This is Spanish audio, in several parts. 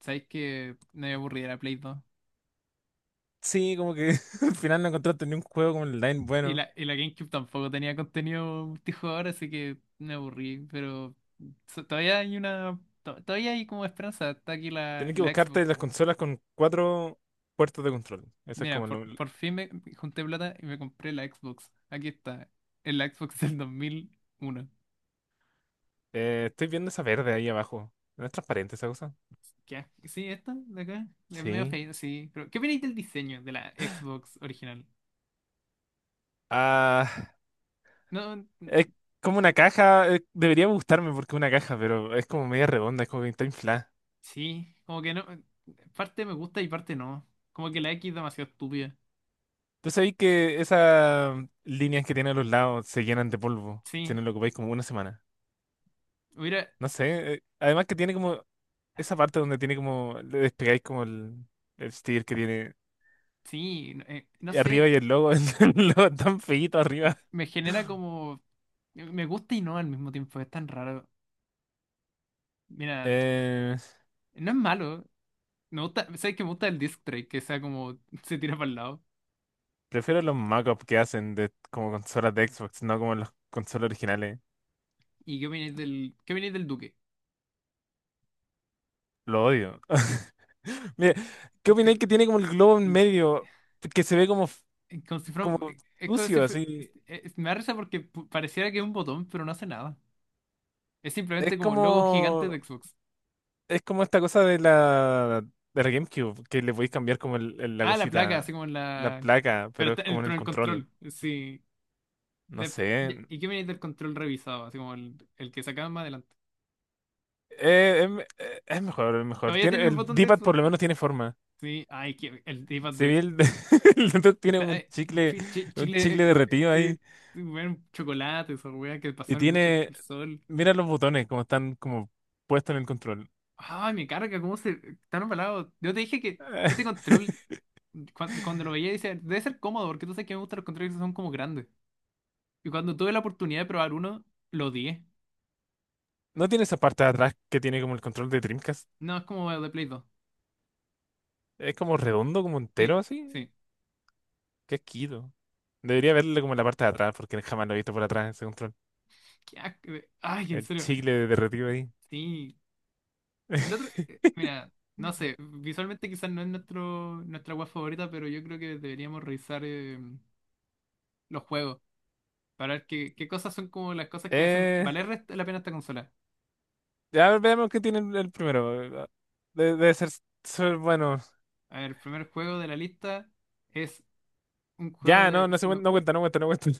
¿Sabéis que me aburrí de la Play 2? Sí, como que al final no encontraste ni un juego como online Y bueno. la, y la GameCube tampoco tenía contenido multijugador, así que me aburrí. Pero todavía hay una. Todavía hay como esperanza. Está aquí la, Tenés que la buscarte Xbox. las consolas con cuatro puertos de control. Eso es Mira, como por, lo... por fin me junté plata y me compré la Xbox. Aquí está. Es la Xbox del 2001. Estoy viendo esa verde ahí abajo. ¿No es transparente esa cosa? ¿Qué? Sí, esta de acá. Es medio Sí. feita, sí. Pero, ¿qué opináis del diseño de la Xbox original? Ah, No, es como una caja. Debería gustarme porque es una caja, pero es como media redonda, es como que está inflada. sí. Como que no. Parte me gusta y parte no. Como que la X es demasiado estúpida. ¿Tú sabés que esas líneas que tiene a los lados se llenan de polvo si Sí, no lo ocupáis como una semana? hubiera, No sé. Además que tiene como esa parte donde tiene como... Le despegáis como el... El sticker que tiene sí, no no arriba sé, y el logo, el logo tan feíto arriba. me genera como, me gusta y no al mismo tiempo, es tan raro. Mira, Eh, no es malo, me gusta, sabes que me gusta el disc track, que sea como, se tira para el lado. Prefiero los mockups que hacen de como consolas de Xbox, no como los consolas originales. ¿Y qué opináis del Duque? Lo odio. Mira, ¿qué Este, opináis que tiene como el globo en el- medio? Que se ve como, como si fuera, como es como si sucio, fue- así. es- me da risa porque pareciera que es un botón, pero no hace nada. Es Es simplemente como logo gigante como. de Xbox. Es como esta cosa de la. De la GameCube, que le podéis cambiar como la Ah, la placa, así cosita, como en la la, placa, pero pero está, es el, como en pero el el control. control, sí. No de- sé. ¿Y qué viene del control revisado? Así como el que sacaban más adelante. Es mejor, es mejor. ¿Todavía Tiene, tiene el el botón de D-pad Xbox? por lo menos tiene forma. Sí, ay, que el d Se ve de. el, el dentro tiene Está, un Chile, chicle derretido eh, ahí bueno, chocolate, esa weá que y pasaron mucho tiempo tiene, al sol. mira los botones como están como puestos en el control. Ay, me carga, cómo se. Están embalados. Yo te dije que este control, cuando, lo veía, dice, debe ser cómodo, porque tú sabes que me gustan los controles que son como grandes. Y cuando tuve la oportunidad de probar uno, lo odié. ¿No tiene esa parte de atrás que tiene como el control de Dreamcast? No, es como el de Play 2. Es como redondo, como Sí, entero así. sí. Qué esquido. Debería verle como la parte de atrás porque jamás lo he visto por atrás ese control. Qué asco. Ay, en El serio. chicle de derretido ahí. Sí. El otro, mira, no sé, visualmente quizás no es nuestra web favorita, pero yo creo que deberíamos revisar los juegos para ver qué cosas son como las cosas que hacen Eh, valer la pena esta consola. ya veamos qué tiene el primero. Debe ser, ser bueno. A ver, el primer juego de la lista es un juego Ya, no, de no cuenta, no cuenta, no cuenta.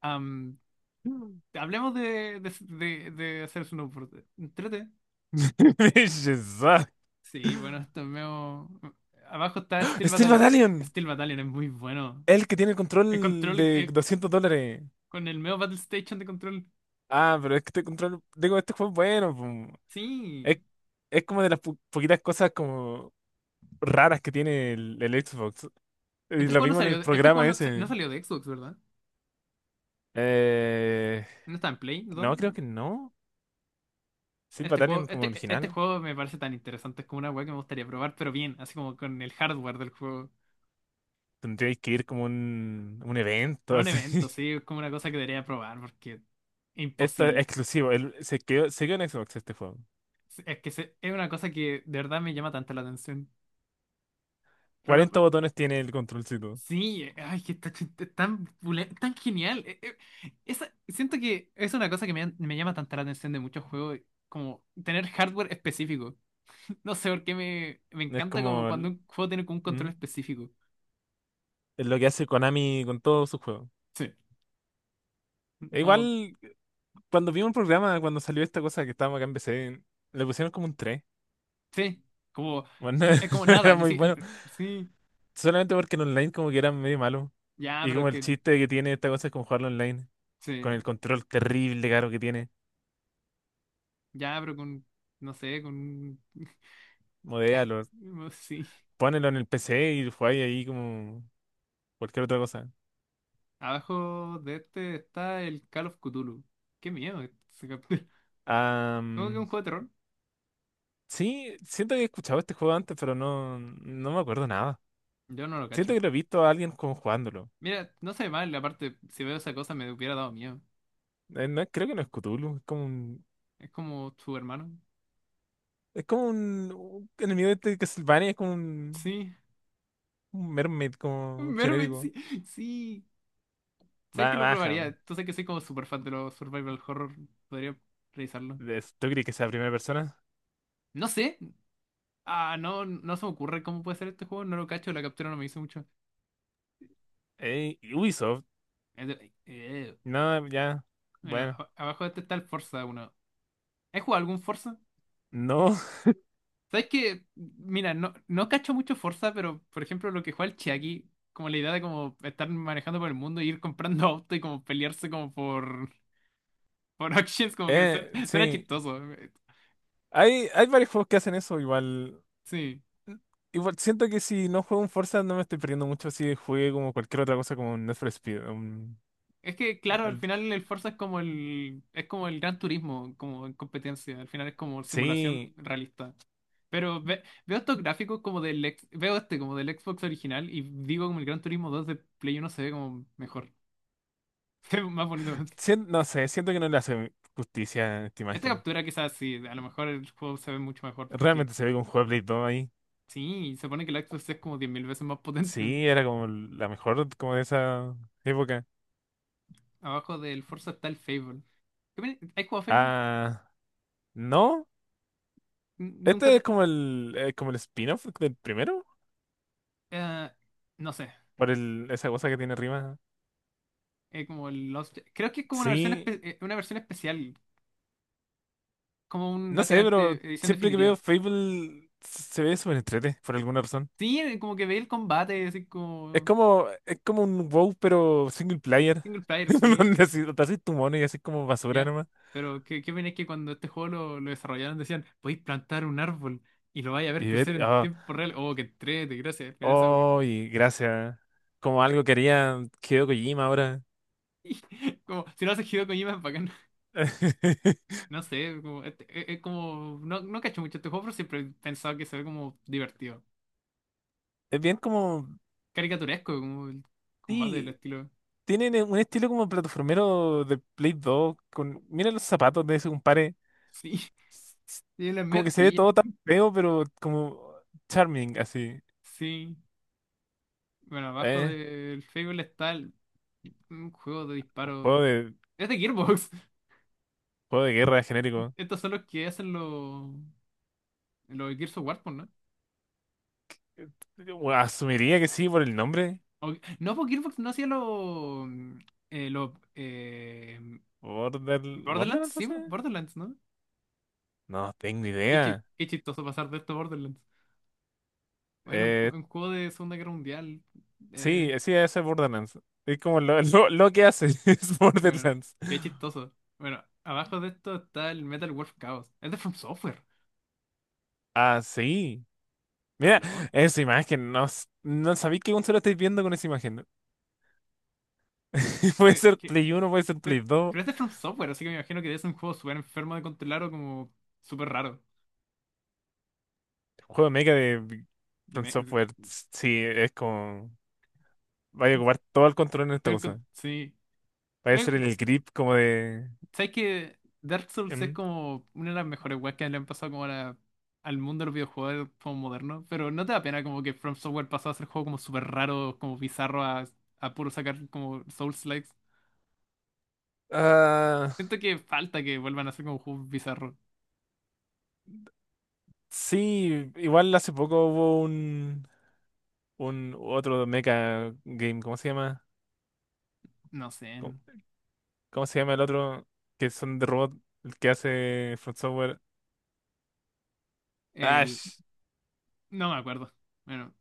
am, hablemos de, hacer snowboard. Entrete. Shazam. Sí, bueno, esto es medio. Abajo está Steel Steel Battalion. Battalion, Steel Battalion es muy bueno. el que tiene el El control control de 200 dólares. con el medio Battle Station de control. Ah, pero es que este control, digo, este juego es bueno. Pum. Sí. Es, es como de las poquitas cosas como raras que tiene el Xbox. Y Este lo juego no vimos en el salió, este juego programa no, no ese. salió de Xbox, ¿verdad? Eh, No está en Play, ¿no? no, creo No. que no. Steel Este Battalion juego, como este original. juego me parece tan interesante, es como una weá que me gustaría probar, pero bien, así como con el hardware del juego. Tendríais que ir como un evento A un así. evento, sí, es como una cosa que debería probar, porque Esto es imposible. exclusivo. Se quedó, se quedó en Xbox este juego. Sí, es que es una cosa que de verdad me llama tanto la atención. Pero no, 40 botones tiene el controlcito. sí, ay, que está tan, tan genial. Siento que es una cosa que me llama tanto la atención de muchos juegos, como tener hardware específico. No sé por qué me Es encanta como como... cuando un juego tiene como un ¿Mm? control específico. Es lo que hace Konami con todos sus juegos. Sí, E como, igual, cuando vimos el programa, cuando salió esta cosa que estábamos acá en PC, le pusieron como un 3. sí, como, Bueno, como no nada, era ni muy si, bueno. Sí, Solamente porque en online como que era medio malo. ya, Y pero como el que, chiste que tiene esta cosa es como jugarlo online. Con sí, el control terrible caro que tiene. ya, pero con, no sé, con, Modéalo. sí. Ponelo en el PC y jugáis ahí como cualquier otra cosa. Abajo de este está el Call of Cthulhu. Qué miedo ese capítulo. ¿Cómo que Am, un juego de terror? sí, siento que he escuchado este juego antes, pero no, no me acuerdo nada. Yo no lo Siento cacho. que lo he visto a alguien como jugándolo. Mira, no sé mal, aparte, si veo esa cosa me hubiera dado miedo. No, creo que no es Cthulhu, Es como su hermano. es como un enemigo de este de Castlevania, es como Sí, un mermaid como Mermaid, sí, genérico. sí. ¿Sabes que lo Baja. probaría? Tú sabes que soy como súper fan de los survival horror. Podría revisarlo. Es- ¿Tú crees que sea primera persona? No sé. Ah, no, no se me ocurre cómo puede ser este juego. No lo cacho, la captura no me hizo mucho. Ubisoft. Es de- eh, No, ya. Bueno, Bueno. Abajo de este está el Forza uno. ¿Has jugado algún Forza? No. ¿Sabes que mira, no, no cacho mucho Forza, pero por ejemplo lo que juega el Chiaki, como la idea de como estar manejando por el mundo y ir comprando auto y como pelearse como por, auctions, como que suena, suena sí. chistoso. Hay varios juegos que hacen eso igual. Sí. Igual siento que si no juego un Forza no me estoy perdiendo mucho si juegue como cualquier otra cosa como un Need for Speed. Es que, claro, al al- final el Forza es como el, Gran Turismo, como en competencia. Al final es como simulación sí. realista. Pero veo estos gráficos como del, veo este como del Xbox original y digo como el Gran Turismo 2 de Play Uno se ve como mejor. Se ve más bonito. No sé, siento que no le hace justicia a esta Esta imagen. captura quizás sí, a lo mejor el juego se ve mucho mejor porque Realmente se ve con juego todo ahí. sí, se pone que el Xbox es como 10.000 veces más potente. Sí, era como la mejor como de esa época. Abajo del Forza está el Fable. ¿Has jugado Fable? Ah, no. Nunca Este es te. como el como el spin-off del primero eh, no sé. por el, esa cosa que tiene arriba. Creo que es como Sí, una versión especial, como un no sé, pero básicamente edición siempre que veo definitiva. Fable se ve súper entrete por alguna razón. Sí, como que veía el combate, así Es como como un WoW pero single player. single player, sí, Donde así, te haces tu mono y así como basura ya. nomás. Pero qué pena es que cuando este juego lo desarrollaron decían, podéis plantar un árbol y lo vais a ver Y crecer ver, en ah, tiempo real. Oh, qué entrete, gracias. Al final esa oh, y gracias. Como algo que haría Hideo Kojima ahora. Como, si lo haces Hideo Kojima es bacán. No sé, como, es como, no, no cacho mucho este juego, pero siempre he pensado que se ve como divertido. Es bien como. Caricaturesco, como el combate del Sí, estilo. tienen un estilo como plataformero de Play 2. Con, mira los zapatos de ese compadre. Sí. s- s- Tiene las Como que se ve metillas. todo tan feo, pero como charming, así. Sí, bueno, abajo Eh, del Fable está un juego de disparo. Juego de, Es de Gearbox. juego de guerra genérico. Estos son los que hacen los Gears of War, pues, ¿no? Yo asumiría que sí por el nombre. O- no, pues Gearbox no hacía los Border, Borderlands, ¿Borderlands sí, pues, hace? Borderlands, ¿no? No tengo Qué, chi- idea. qué chistoso pasar de esto a Borderlands. Bueno, Eh, un juego de Segunda Guerra Mundial. sí, eh, sí, ese es Borderlands. Es como lo, lo que hace, es bueno, Borderlands. qué chistoso. Bueno, abajo de esto está el Metal Wolf Chaos. Es de From Software. Ah, sí. Mira, ¿Aló? esa imagen, no, no sabía qué consola estáis viendo con esa imagen. Puede Sí, ser Play uno, puede ser Pero, Play dos. pero este es de From Software, así que me imagino que debe ser un juego súper enfermo de controlar o como súper raro. Juego mega de De From me- Software, sí, es como. Vaya a ocupar todo el control en esta de- cosa. con- sí. Va a Me- ser el grip como de. ¿Sabes que Dark Souls es em, como una de las mejores weas que le han pasado como al mundo de los videojuegos como moderno? Pero ¿no te da pena como que From Software pasó a ser juego como súper raro, como bizarro, a puro sacar como Souls-likes? Ah, Siento que falta que vuelvan a ser como juegos bizarros. sí, igual hace poco hubo un otro mecha game, ¿cómo se llama? No sé. ¿Cómo, cómo se llama el otro? Que son de robot, el que hace From Software. El... Ash. No me acuerdo. Bueno.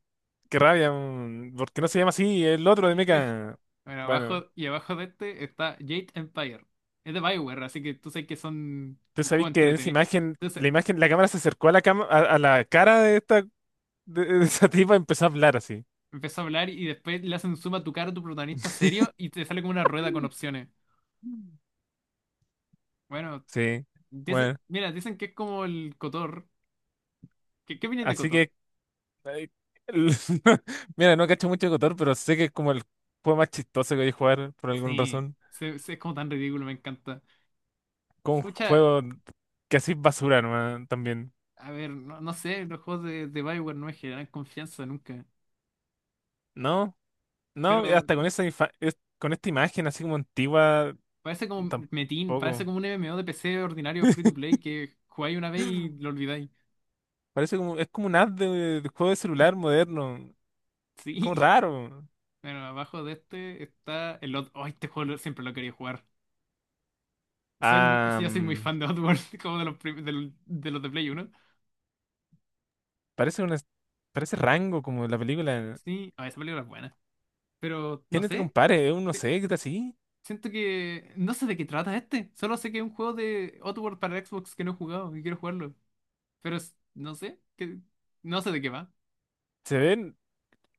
Qué rabia, porque no se llama así el otro de Mecha. Bueno, Bueno, abajo y abajo de este está Jade Empire. Es de BioWare, así que tú sabes que son tú un juego sabés que esa entretenido. Entonces, imagen, la cámara se acercó a la cama, a la cara de esta, de esa tipa y empezó a hablar así. empezó a hablar y después le hacen zoom a tu cara a tu protagonista serio y te sale como una rueda con opciones. Bueno, Sí, bueno, dice, mira, dicen que es como el Cotor. ¿Qué opinas de así Cotor? que, eh, el- mira, no cacho mucho de Cotor, pero sé que es como el juego más chistoso que voy a jugar por alguna Sí, razón. Es como tan ridículo, me encanta. Como un Pucha, juego que así es basura nomás también. a ver, no, no sé, los juegos de BioWare no me generan confianza nunca. No, no, Pero hasta con esa con esta imagen así como antigua, parece como Metin, parece tampoco. como un MMO de PC ordinario free to play que jugáis una vez y lo olvidáis. Parece como, es como un ad de juego de celular moderno. Es Sí. como raro. Bueno, abajo de este está el otro. Oh, este juego siempre lo quería jugar. Soy muy, Ah, yo soy muy mm, fan de Oddworld, como de los de Play uno. Parece una, parece Rango como la película. Sí, ah, esa película es buena. Pero no ¿Quién te sé, compare? Es un no eh, sé, ¿qué tal así? siento que. No sé de qué trata este. Solo sé que es un juego de Oddworld para Xbox que no he jugado y quiero jugarlo. Pero no sé, que, no sé de qué va. Se ven,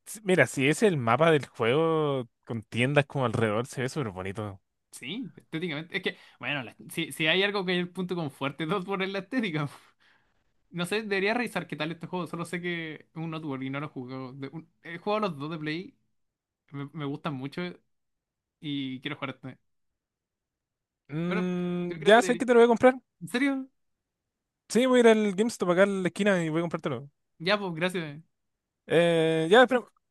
mira, si es el mapa del juego con tiendas como alrededor, se ve súper bonito. Sí, estéticamente. Es que, bueno, si, hay algo que es el punto con fuerte dos por es la estética. No sé, debería revisar qué tal este juego. Solo sé que es un Outward y no lo he jugado. He jugado los dos de Play. Me gustan mucho y quiero jugar este. Bueno, yo Mm, creo que ya sé debería. que te lo voy a comprar. ¿En serio? Sí, voy a ir al GameStop acá en la esquina y voy a comprártelo. Ya, pues, gracias. Ya, espera,